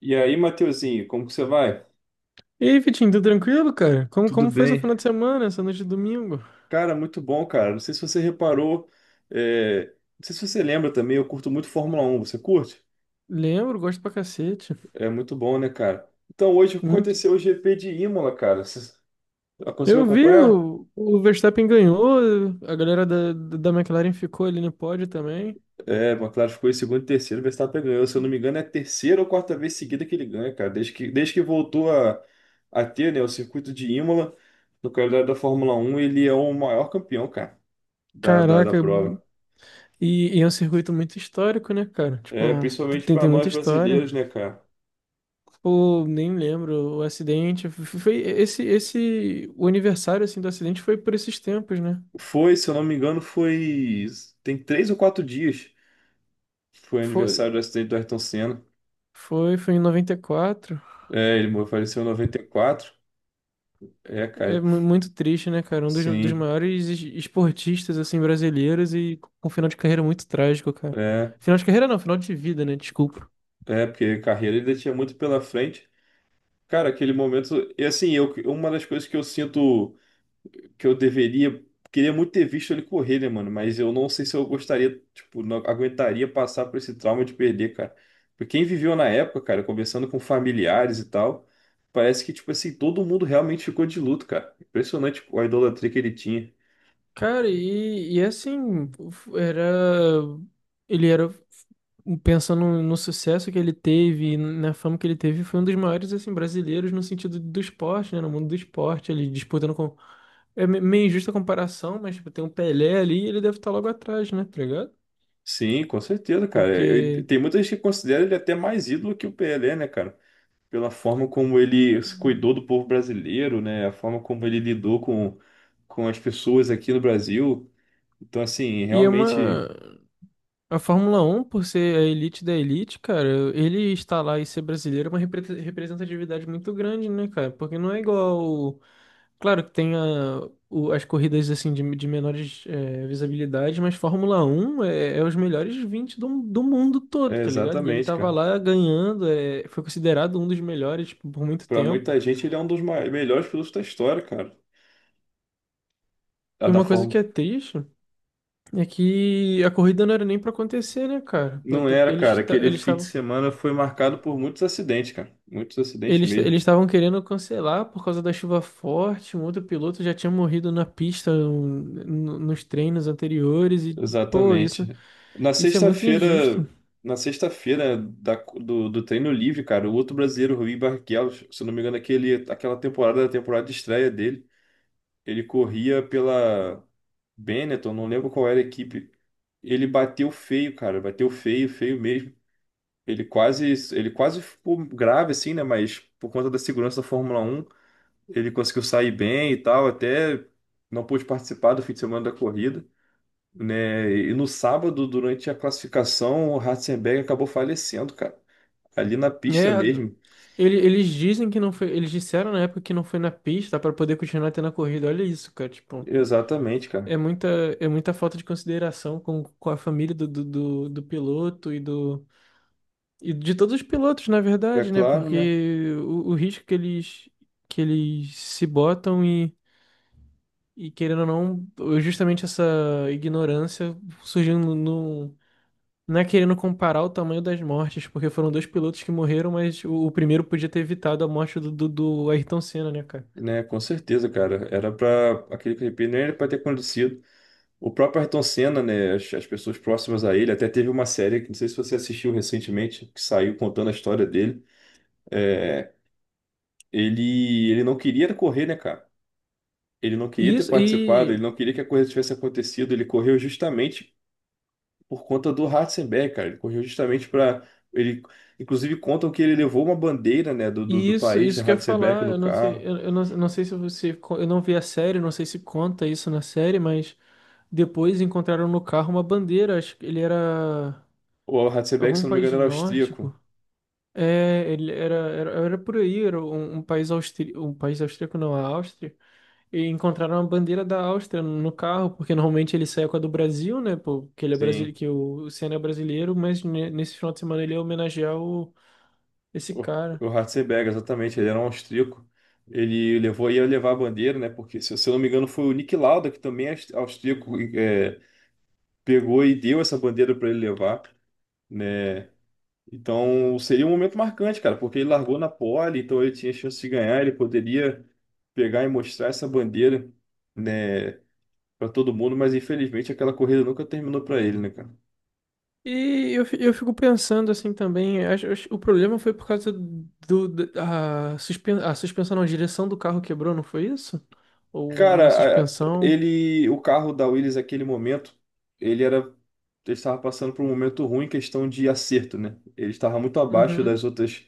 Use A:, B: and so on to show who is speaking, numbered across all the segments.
A: E aí, Mateuzinho, como que você vai?
B: E aí, Vitinho, tudo tranquilo, cara? Como,
A: Tudo
B: como foi seu
A: bem?
B: final de semana, essa noite de domingo?
A: Cara, muito bom, cara. Não sei se você reparou, não sei se você lembra também, eu curto muito Fórmula Um. Você curte?
B: Lembro, gosto pra cacete.
A: É muito bom, né, cara? Então, hoje
B: Muito.
A: aconteceu o GP de Imola, cara. Você conseguiu
B: Eu vi
A: acompanhar?
B: o Verstappen ganhou, a galera da McLaren ficou ali no pódio também.
A: É, McLaren ficou em segundo e terceiro, Verstappen ganhou. Se eu não me engano, é a terceira ou quarta vez seguida que ele ganha, cara. Desde que voltou a ter, né, o circuito de Imola no calendário da Fórmula Um, ele é o maior campeão, cara, da
B: Caraca,
A: prova.
B: e é um circuito muito histórico, né, cara? Tipo,
A: É, principalmente
B: tem,
A: para
B: tem
A: nós
B: muita história.
A: brasileiros, né, cara?
B: Pô, nem lembro, o acidente. Foi esse, o aniversário, assim, do acidente foi por esses tempos, né?
A: Foi, se eu não me engano, foi. Tem três ou quatro dias. Foi
B: Foi,
A: aniversário do acidente do Ayrton Senna.
B: foi em 94.
A: É, ele morreu- faleceu em 94. É,
B: É
A: cara,
B: muito triste, né, cara? Um dos
A: sim.
B: maiores esportistas, assim, brasileiros e com um final de carreira muito trágico, cara.
A: É,
B: Final de carreira não, final de vida, né? Desculpa.
A: porque carreira ele ainda tinha muito pela frente. Cara, aquele momento. E assim, eu, uma das coisas que eu sinto. Que eu deveria. Queria muito ter visto ele correr, né, mano? Mas eu não sei se eu gostaria, tipo, não aguentaria passar por esse trauma de perder, cara. Porque quem viveu na época, cara, conversando com familiares e tal, parece que, tipo assim, todo mundo realmente ficou de luto, cara. Impressionante a idolatria que ele tinha.
B: Cara, e assim, f- era. Ele era. Pensando no sucesso que ele teve, e na fama que ele teve, foi um dos maiores, assim, brasileiros no sentido do esporte, né? No mundo do esporte, ele disputando com. É meio injusta a comparação, mas tipo, tem um Pelé ali e ele deve estar logo atrás, né? Tá ligado?
A: Sim, com certeza, cara. Eu-
B: Porque.
A: tem muita gente que considera ele até mais ídolo que o PLé, né, cara? Pela forma como ele se cuidou do povo brasileiro, né? A forma como ele lidou com as pessoas aqui no Brasil. Então, assim,
B: E é
A: realmente.
B: uma. A Fórmula Um, por ser a elite da elite, cara, ele estar lá e ser brasileiro é uma representatividade muito grande, né, cara? Porque não é igual. Claro que tem as corridas assim de menores é, visibilidade, mas Fórmula 1 é os melhores 20 do mundo todo,
A: É,
B: tá ligado? E ele
A: exatamente,
B: tava
A: cara.
B: lá ganhando, é, foi considerado um dos melhores por muito
A: Pra
B: tempo.
A: muita gente, ele é um dos mai- melhores pilotos da história, cara. A
B: E
A: da
B: uma coisa que
A: Fórmula.
B: é triste é que a corrida não era nem pra acontecer, né, cara?
A: Um.
B: Pô,
A: Não
B: então,
A: era,
B: Eles,
A: cara.
B: ta-
A: Aquele
B: eles
A: fim de
B: estavam.
A: semana foi marcado por muitos acidentes, cara. Muitos acidentes
B: Eles
A: mesmo.
B: eles estavam querendo cancelar por causa da chuva forte. Um outro piloto já tinha morrido na pista, nos treinos anteriores. E, pô, isso,
A: Exatamente. Na
B: isso é muito injusto.
A: sexta-feira, na sexta-feira da- do, do treino livre, cara, o outro brasileiro, Rui Barrichello, se eu não me engano, aquele, aquela temporada, a temporada de estreia dele, ele corria pela Benetton, não lembro qual era a equipe. Ele bateu feio, cara, bateu feio, feio mesmo. Ele quase, ele quase ficou grave, assim, né? Mas por conta da segurança da Fórmula Um ele conseguiu sair bem e tal. Até não pôde participar do fim de semana da corrida, né? E no sábado, durante a classificação, o Ratzenberger acabou falecendo, cara. Ali na pista
B: É,
A: mesmo.
B: eles dizem que não foi. Eles disseram na época que não foi na pista para poder continuar tendo a corrida. Olha isso, cara. Tipo,
A: Exatamente, cara.
B: é muita, é muita falta de consideração com a família do piloto e do. E de todos os pilotos, na
A: É
B: verdade, né?
A: claro, né?
B: Porque o risco que eles se botam. E querendo ou não, justamente essa ignorância surgiu não é querendo comparar o tamanho das mortes, porque foram dois pilotos que morreram, mas o primeiro podia ter evitado a morte do Ayrton Senna, né, cara?
A: Né, com certeza, cara. Era para aquele clipe, nem era para ter acontecido. O próprio Ayrton Senna, né? As pessoas próximas a ele, até teve uma série, que não sei se você assistiu recentemente, que saiu contando a história dele. É, ele não queria correr, né, cara? Ele não queria
B: E
A: ter
B: isso,
A: participado,
B: e,
A: ele não queria que a coisa tivesse acontecido, ele correu justamente por conta do Ratzenberger, cara. Ele correu justamente para ele, inclusive contam que ele levou uma bandeira, né, do, do,
B: e
A: do
B: isso,
A: país do
B: isso quer
A: Ratzenberger
B: falar,
A: no
B: eu não sei,
A: carro.
B: eu não sei se você, eu não vi a série, não sei se conta isso na série, mas depois encontraram no carro uma bandeira, acho que ele era
A: O Ratzenberger, se
B: algum
A: eu não me
B: país
A: engano, era
B: nórdico.
A: austríaco.
B: É, ele era por aí, era um país austríaco, um país austríaco não, a Áustria, e encontraram a bandeira da Áustria no carro, porque normalmente ele sai com a do Brasil, né, pô, que ele é brasile
A: Sim,
B: que o Senna é brasileiro, mas nesse final de semana ele ia homenagear esse
A: o,
B: cara.
A: o Ratzenberger, exatamente, ele era um austríaco. Ele levou, ia levar a bandeira, né? Porque, se eu não me engano, foi o Nick Lauda, que também é aus- austríaco, pegou e deu essa bandeira para ele levar. Né? Então seria um momento marcante, cara, porque ele largou na pole, então ele tinha chance de ganhar, ele poderia pegar e mostrar essa bandeira, né, para todo mundo, mas infelizmente aquela corrida nunca terminou para ele, né, cara?
B: E eu fico pensando assim também, o problema foi por causa do, da a, suspen, a suspensão, não, a direção do carro quebrou, não foi isso? Ou uma
A: Cara, a-
B: suspensão?
A: ele, o carro da Williams naquele momento, ele era, ele estava passando por um momento ruim em questão de acerto, né? Ele estava muito abaixo
B: Uhum.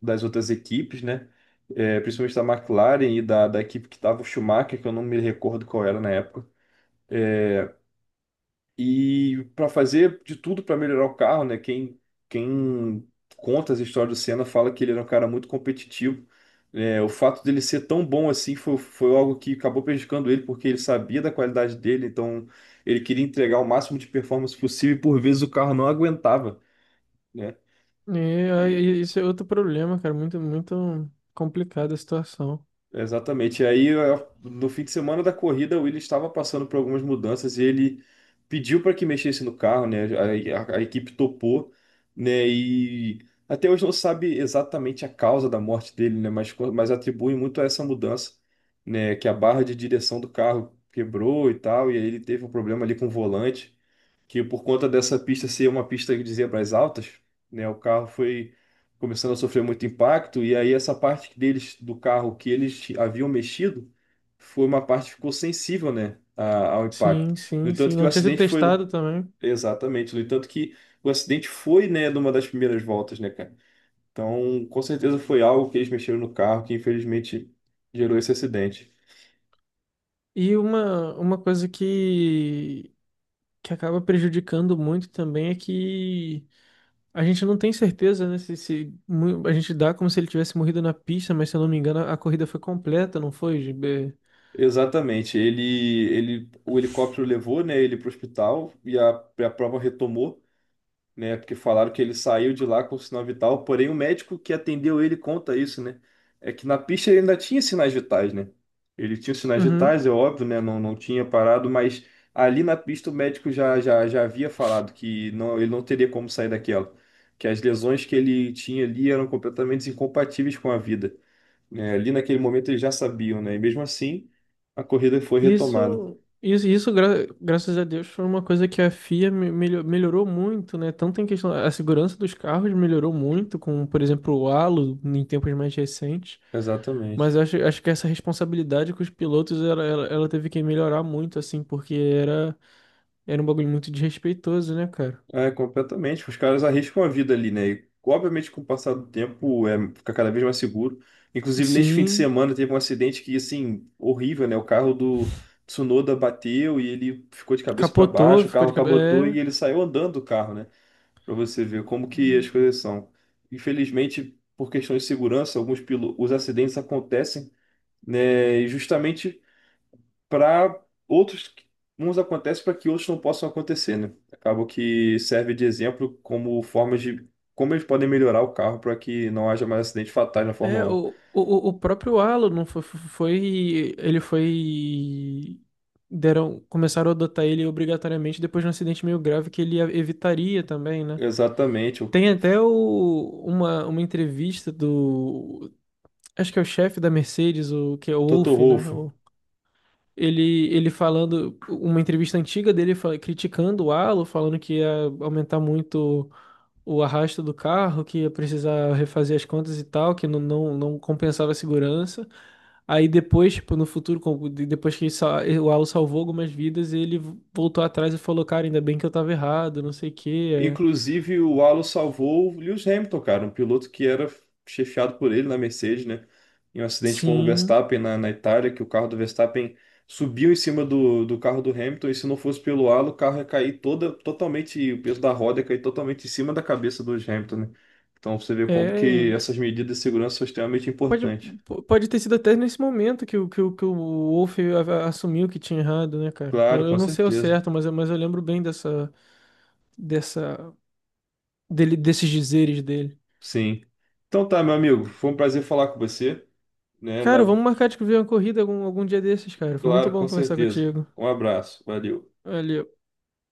A: das outras equipes, né? É, principalmente da McLaren e da equipe que estava o Schumacher, que eu não me recordo qual era na época. É, e para fazer de tudo para melhorar o carro, né? Quem, quem conta as histórias do Senna fala que ele era um cara muito competitivo. É, o fato dele ser tão bom assim foi, foi algo que acabou prejudicando ele, porque ele sabia da qualidade dele, então ele queria entregar o máximo de performance possível e por vezes o carro não aguentava, né?
B: É, e aí, isso é outro problema, cara. Muito, muito complicada a situação.
A: Exatamente. E aí, eu- no fim de semana da corrida, o Willis estava passando por algumas mudanças e ele pediu para que mexesse no carro, né? A equipe topou, né? E até hoje não sabe exatamente a causa da morte dele, né? Mas, co- mas atribui muito a essa mudança, né? Que a barra de direção do carro quebrou e tal, e aí ele teve um problema ali com o volante que por conta dessa pista ser uma pista de zebras altas, né, o carro foi começando a sofrer muito impacto e aí essa parte deles do carro que eles haviam mexido foi uma parte que ficou sensível, né, a- ao impacto.
B: Sim,
A: No
B: sim,
A: entanto
B: sim.
A: que o
B: Não tinha sido
A: acidente foi
B: testado também.
A: exatamente, no entanto que o acidente foi, né, numa das primeiras voltas, né, cara. Então, com certeza foi algo que eles mexeram no carro que infelizmente gerou esse acidente.
B: E uma coisa que acaba prejudicando muito também é que a gente não tem certeza, né? Se mu- a gente dá como se ele tivesse morrido na pista, mas se eu não me engano, a corrida foi completa, não foi, GB?
A: Exatamente. Ele, o helicóptero levou, né, ele para o hospital e a prova retomou, né, porque falaram que ele saiu de lá com sinal vital. Porém, o médico que atendeu ele conta isso, né, é que na pista ele ainda tinha sinais vitais, né. Ele tinha os sinais vitais, é óbvio, né, não, não tinha parado, mas ali na pista o médico já havia falado que não, ele não teria como sair daquela, que as lesões que ele tinha ali eram completamente incompatíveis com a vida. É, ali naquele momento eles já sabiam, né? E mesmo assim, a corrida foi retomada.
B: Isso, isso, isso graças a Deus, foi uma coisa que a FIA melhorou muito, né? Tanto em questão, a segurança dos carros melhorou muito, com, por exemplo, o halo em tempos mais recentes. Mas
A: Exatamente.
B: eu acho que essa responsabilidade com os pilotos, ela teve que melhorar muito, assim, porque era um bagulho muito desrespeitoso, né, cara?
A: É, completamente. Os caras arriscam a vida ali, né? E, obviamente, com o passar do tempo, é, fica cada vez mais seguro. Inclusive, neste fim de
B: Sim,
A: semana, teve um acidente que, assim, horrível, né? O carro do Tsunoda bateu e ele ficou de cabeça para
B: capotou,
A: baixo, o
B: ficou
A: carro
B: de cabeça.
A: capotou e
B: É.
A: ele saiu andando do carro, né? Para você ver como que as coisas são. Infelizmente, por questões de segurança, alguns pilo... os acidentes acontecem, né? E justamente para outros, uns acontecem para que outros não possam acontecer, né? Acaba que serve de exemplo como formas de como eles podem melhorar o carro para que não haja mais acidente fatais na
B: É,
A: Fórmula um.
B: o próprio Alan não foi, Ele foi. Deram, começaram a adotar ele obrigatoriamente depois de um acidente meio grave que ele evitaria também, né?
A: Exatamente, o
B: Tem até uma entrevista do. Acho que é o chefe da Mercedes, que é o
A: Toto
B: Wolff, né?
A: Wolff.
B: Ele falando. Uma entrevista antiga dele criticando o Alan, falando que ia aumentar muito o arrasto do carro, que ia precisar refazer as contas e tal, que não compensava a segurança. Aí depois, tipo, no futuro, depois que o Alu salvou algumas vidas, ele voltou atrás e falou, cara, ainda bem que eu tava errado, não sei o quê. É.
A: Inclusive, o Alonso salvou o Lewis Hamilton, cara, um piloto que era chefiado por ele na Mercedes, né? Em um acidente com o
B: Sim,
A: Verstappen na, na Itália, que o carro do Verstappen subiu em cima do, do carro do Hamilton, e se não fosse pelo halo, o carro ia cair toda, totalmente, o peso da roda ia cair totalmente em cima da cabeça do Hamilton, né? Então você vê como
B: é.
A: que essas medidas de segurança são extremamente
B: Pode,
A: importantes.
B: pode ter sido até nesse momento que o Wolf assumiu que tinha errado, né, cara?
A: Claro,
B: Eu
A: com
B: não sei ao
A: certeza.
B: certo, mas eu lembro bem dessa, desses dizeres dele.
A: Sim. Então tá, meu amigo, foi um prazer falar com você, né?
B: Cara,
A: Na-
B: vamos marcar de ver uma corrida algum dia desses, cara. Foi muito
A: Claro, com
B: bom conversar
A: certeza.
B: contigo.
A: Um abraço, valeu.
B: Valeu.